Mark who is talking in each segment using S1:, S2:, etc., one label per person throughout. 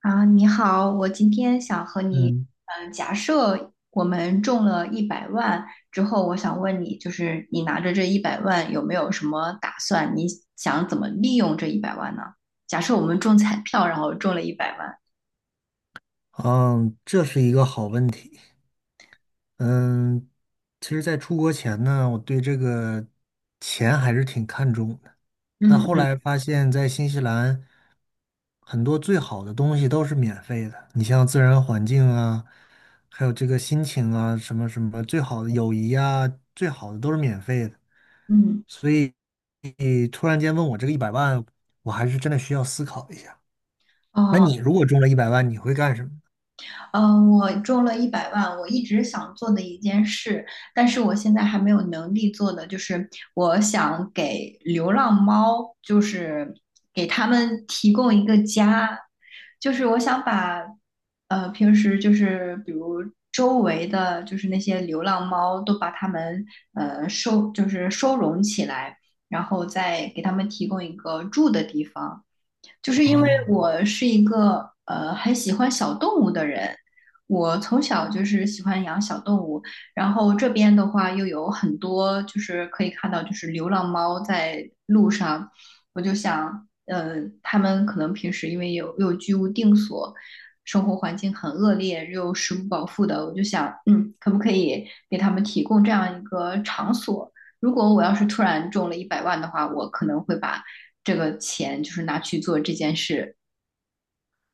S1: 啊，你好，我今天想和你，
S2: 嗯，
S1: 嗯，假设我们中了一百万之后，我想问你，就是你拿着这一百万有没有什么打算？你想怎么利用这一百万呢？假设我们中彩票，然后中了一百万。
S2: 嗯，这是一个好问题。嗯，其实，在出国前呢，我对这个钱还是挺看重的。但后
S1: 嗯
S2: 来发现，在新西兰，很多最好的东西都是免费的。你像自然环境啊，还有这个心情啊，什么什么，最好的友谊啊，最好的都是免费的。
S1: 嗯，嗯
S2: 所以，你突然间问我这个一百万，我还是真的需要思考一下。那
S1: 哦，
S2: 你如果中了一百万，你会干什么？
S1: 嗯，我中了一百万，我一直想做的一件事，但是我现在还没有能力做的，就是我想给流浪猫，就是给他们提供一个家。就是我想把，平时就是比如周围的就是那些流浪猫都把它们就是收容起来，然后再给他们提供一个住的地方。就是因为
S2: 哦。
S1: 我是一个很喜欢小动物的人，我从小就是喜欢养小动物，然后这边的话又有很多就是可以看到就是流浪猫在路上。我就想，他们可能平时因为有居无定所，生活环境很恶劣，又食不饱腹的。我就想，嗯，可不可以给他们提供这样一个场所？如果我要是突然中了一百万的话，我可能会把这个钱就是拿去做这件事。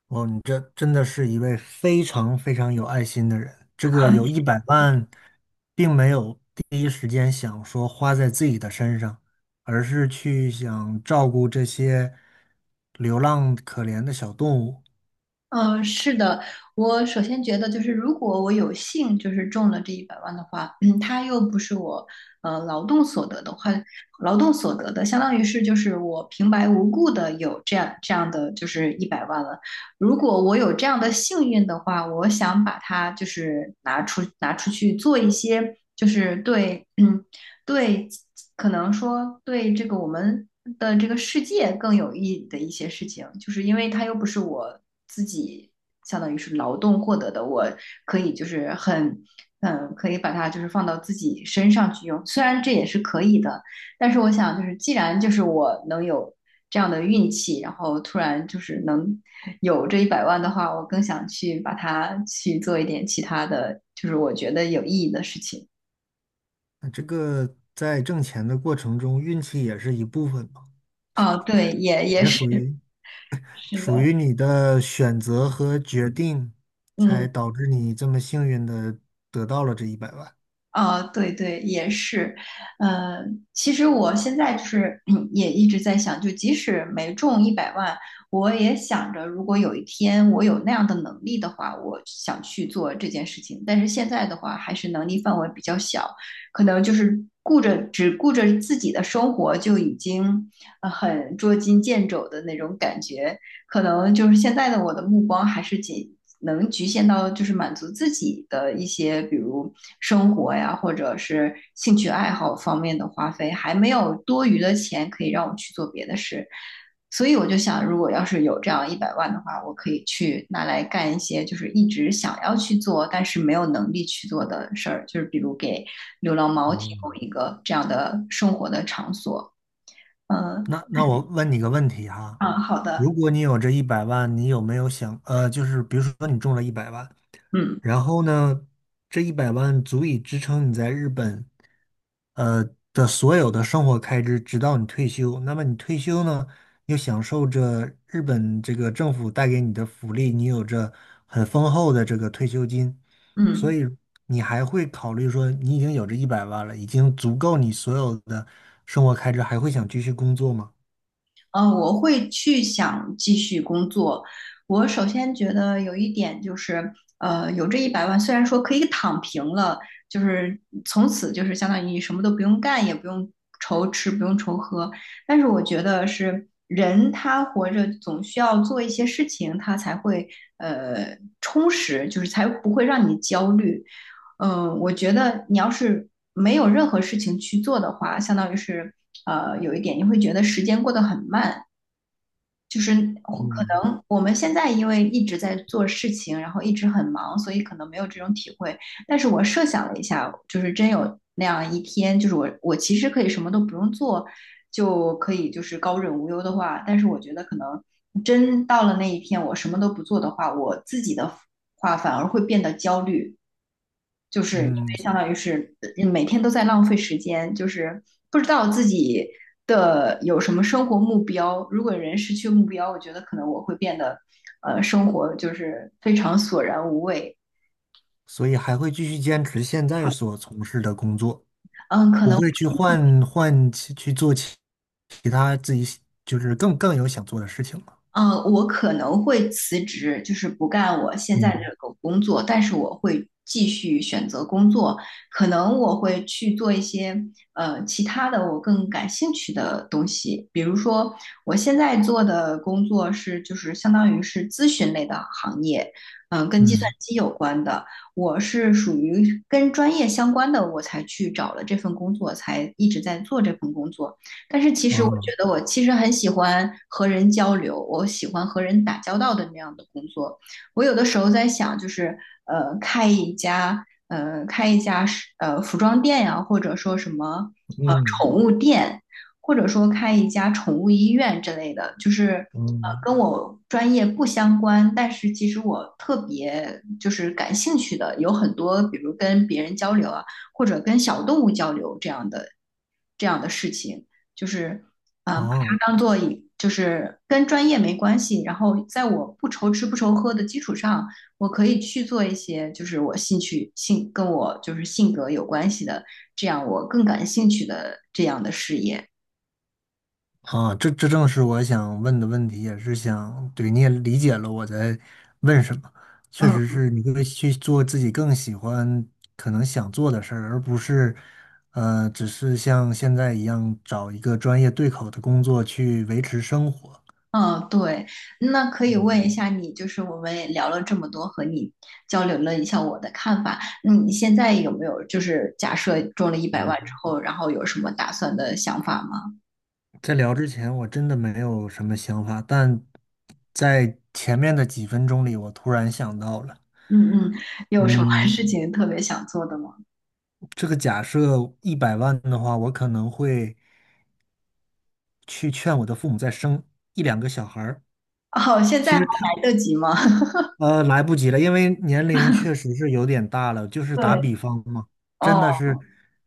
S2: 哦，你这真的是一位非常非常有爱心的人。这个
S1: 嗯、
S2: 有 一百万，并没有第一时间想说花在自己的身上，而是去想照顾这些流浪可怜的小动物。
S1: 是的，我首先觉得就是如果我有幸就是中了这一百万的话，嗯，它又不是我劳动所得的话，劳动所得的相当于是就是我平白无故的有这样的就是一百万了。如果我有这样的幸运的话，我想把它就是拿出去做一些。就是对，嗯，对，可能说对这个我们的这个世界更有意义的一些事情，就是因为它又不是我自己，相当于是劳动获得的，我可以就是很，嗯，可以把它就是放到自己身上去用，虽然这也是可以的，但是我想就是既然就是我能有这样的运气，然后突然就是能有这一百万的话，我更想去把它去做一点其他的，就是我觉得有意义的事情。
S2: 那这个在挣钱的过程中，运气也是一部分嘛，
S1: 哦，对，也
S2: 也
S1: 是。
S2: 属于
S1: 是的，
S2: 属于你的选择和决定，才
S1: 嗯，
S2: 导致你这么幸运的得到了这一百万。
S1: 啊，对对，也是，呃，其实我现在就是 嗯，也一直在想，就即使没中一百万，我也想着，如果有一天我有那样的能力的话，我想去做这件事情。但是现在的话，还是能力范围比较小，可能就是顾着只顾着自己的生活，就已经很捉襟见肘的那种感觉。可能就是现在的我的目光还是仅能局限到就是满足自己的一些，比如生活呀，或者是兴趣爱好方面的花费，还没有多余的钱可以让我去做别的事。所以我就想，如果要是有这样一百万的话，我可以去拿来干一些就是一直想要去做，但是没有能力去做的事儿，就是比如给流浪猫提
S2: 哦，
S1: 供一个这样的生活的场所。嗯，
S2: 那我问你个问题哈，
S1: 啊，好
S2: 如
S1: 的，
S2: 果你有这一百万，你有没有想，就是比如说你中了一百万，
S1: 嗯
S2: 然后呢，这一百万足以支撑你在日本，呃的所有的生活开支，直到你退休。那么你退休呢，又享受着日本这个政府带给你的福利，你有着很丰厚的这个退休金，所
S1: 嗯。
S2: 以你还会考虑说，你已经有这一百万了，已经足够你所有的生活开支，还会想继续工作吗？
S1: 嗯，我会去想继续工作。我首先觉得有一点就是，有这一百万，虽然说可以躺平了，就是从此就是相当于你什么都不用干，也不用愁吃，不用愁喝，但是我觉得是人他活着总需要做一些事情，他才会充实，就是才不会让你焦虑。嗯、我觉得你要是没有任何事情去做的话，相当于是有一点，你会觉得时间过得很慢。就是可
S2: 嗯
S1: 能我们现在因为一直在做事情，然后一直很忙，所以可能没有这种体会。但是我设想了一下，就是真有那样一天，就是我其实可以什么都不用做，就可以就是高枕无忧的话，但是我觉得可能真到了那一天，我什么都不做的话，我自己的话反而会变得焦虑。就是因
S2: 嗯，
S1: 为相当于是每天都在浪费时间，就是不知道自己的有什么生活目标。如果人失去目标，我觉得可能我会变得，生活就是非常索然无味。
S2: 所以还会继续坚持现在所从事的工作，
S1: 嗯，可
S2: 不
S1: 能
S2: 会去换换其去做其他自己喜就是更有想做的事情了。
S1: 嗯，我可能会辞职，就是不干我现在
S2: 嗯
S1: 这个工作，但是我会继续选择工作，可能我会去做一些其他的我更感兴趣的东西，比如说我现在做的工作是就是相当于是咨询类的行业，嗯、跟计算
S2: 嗯，
S1: 机有关的，我是属于跟专业相关的，我才去找了这份工作，才一直在做这份工作。但是其实我觉
S2: 啊，
S1: 得我其实很喜欢和人交流，我喜欢和人打交道的那样的工作。我有的时候在想，就是开一家，开一家服装店呀、或者说什么
S2: 嗯
S1: 或者说开一家宠物医院之类的，就是
S2: 嗯，
S1: 跟我专业不相关，但是其实我特别就是感兴趣的，有很多比如跟别人交流啊，或者跟小动物交流这样的事情，就是啊、把
S2: 哦。
S1: 它当做就是跟专业没关系，然后在我不愁吃不愁喝的基础上，我可以去做一些就是我兴趣性跟我就是性格有关系的，这样我更感兴趣的这样的事业。
S2: 啊，这正是我想问的问题，也是想，对，你也理解了我在问什么。确
S1: 嗯
S2: 实是你会去做自己更喜欢、可能想做的事儿，而不是，只是像现在一样找一个专业对口的工作去维持生活。
S1: 嗯，对，那可以问一下你，就是我们也聊了这么多，和你交流了一下我的看法。嗯，你现在有没有就是假设中了一百万之后，然后有什么打算的想法吗？
S2: 在聊之前，我真的没有什么想法，但在前面的几分钟里，我突然想到了。
S1: 嗯嗯，有什么
S2: 嗯，
S1: 事情特别想做的吗？
S2: 这个假设一百万的话，我可能会去劝我的父母再生一两个小孩儿。
S1: 哦，现在
S2: 其
S1: 还
S2: 实
S1: 来得及吗？
S2: 来不及了，因为年龄确实是有点大了。就 是打
S1: 对，
S2: 比方嘛，真
S1: 哦，
S2: 的是，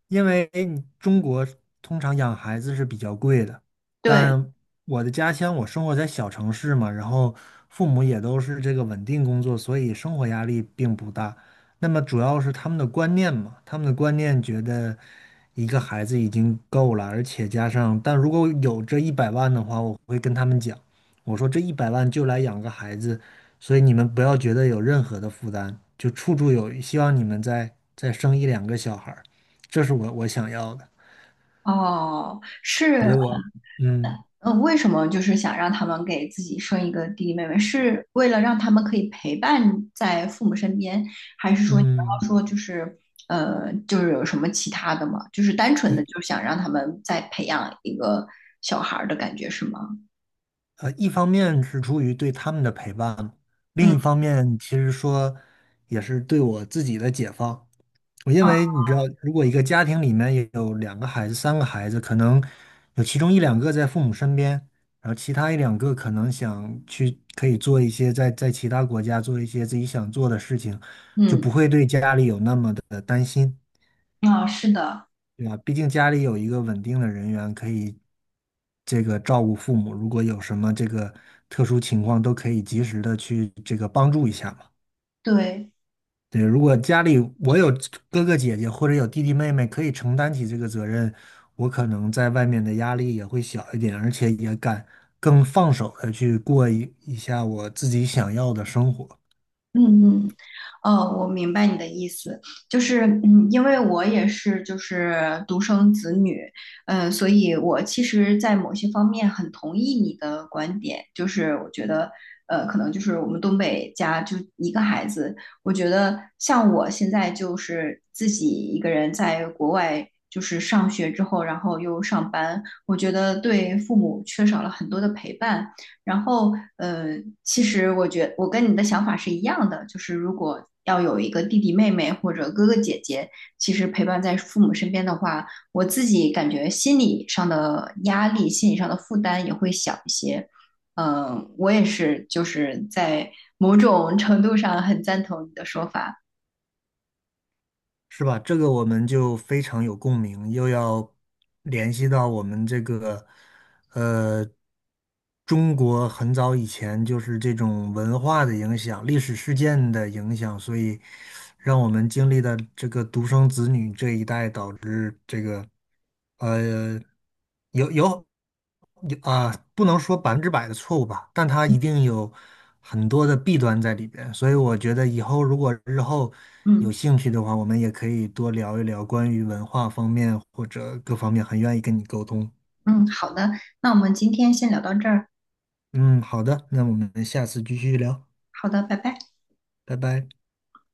S2: 因为你中国通常养孩子是比较贵的，
S1: 对，
S2: 但我的家乡我生活在小城市嘛，然后父母也都是这个稳定工作，所以生活压力并不大。那么主要是他们的观念嘛，他们的观念觉得一个孩子已经够了，而且加上，但如果有这一百万的话，我会跟他们讲，我说这一百万就来养个孩子。所以你们不要觉得有任何的负担，就处处有余，希望你们再生一两个小孩儿，这是我想要的。
S1: 哦，是，
S2: 对我，嗯
S1: 嗯，为什么就是想让他们给自己生一个弟弟妹妹？是为了让他们可以陪伴在父母身边，还是说你刚
S2: 嗯，
S1: 刚说就是就是有什么其他的吗？就是单纯的
S2: 一
S1: 就想让他们再培养一个小孩儿的感觉是吗？
S2: 一方面是出于对他们的陪伴，另一
S1: 嗯
S2: 方面其实说也是对我自己的解放。我因
S1: 啊，
S2: 为你知道，如果一个家庭里面有两个孩子、三个孩子，可能有其中一两个在父母身边，然后其他一两个可能想去可以做一些在其他国家做一些自己想做的事情，就
S1: 嗯
S2: 不会对家里有那么的担心。
S1: 啊，是的，
S2: 对啊，毕竟家里有一个稳定的人员可以这个照顾父母，如果有什么这个特殊情况，都可以及时的去这个帮助一下嘛。
S1: 对。
S2: 对，如果家里我有哥哥姐姐或者有弟弟妹妹，可以承担起这个责任，我可能在外面的压力也会小一点，而且也敢更放手的去过一下我自己想要的生活，
S1: 嗯嗯，哦，我明白你的意思，就是嗯，因为我也是就是独生子女，嗯、所以我其实，在某些方面很同意你的观点，就是我觉得，可能就是我们东北家就一个孩子，我觉得像我现在就是自己一个人在国外就是上学之后，然后又上班，我觉得对父母缺少了很多的陪伴。然后，呃，其实我觉我跟你的想法是一样的，就是如果要有一个弟弟妹妹或者哥哥姐姐，其实陪伴在父母身边的话，我自己感觉心理上的压力、心理上的负担也会小一些。嗯、我也是，就是在某种程度上很赞同你的说法。
S2: 是吧？这个我们就非常有共鸣，又要联系到我们这个。呃，中国很早以前就是这种文化的影响、历史事件的影响，所以让我们经历的这个独生子女这一代，导致这个呃有有有啊、不能说百分之百的错误吧，但它一定有很多的弊端在里边。所以我觉得如果日后有
S1: 嗯
S2: 兴趣的话，我们也可以多聊一聊关于文化方面或者各方面，很愿意跟你沟通。
S1: 嗯，好的，那我们今天先聊到这儿。
S2: 嗯，好的，那我们下次继续聊，
S1: 好的，拜拜。
S2: 拜拜。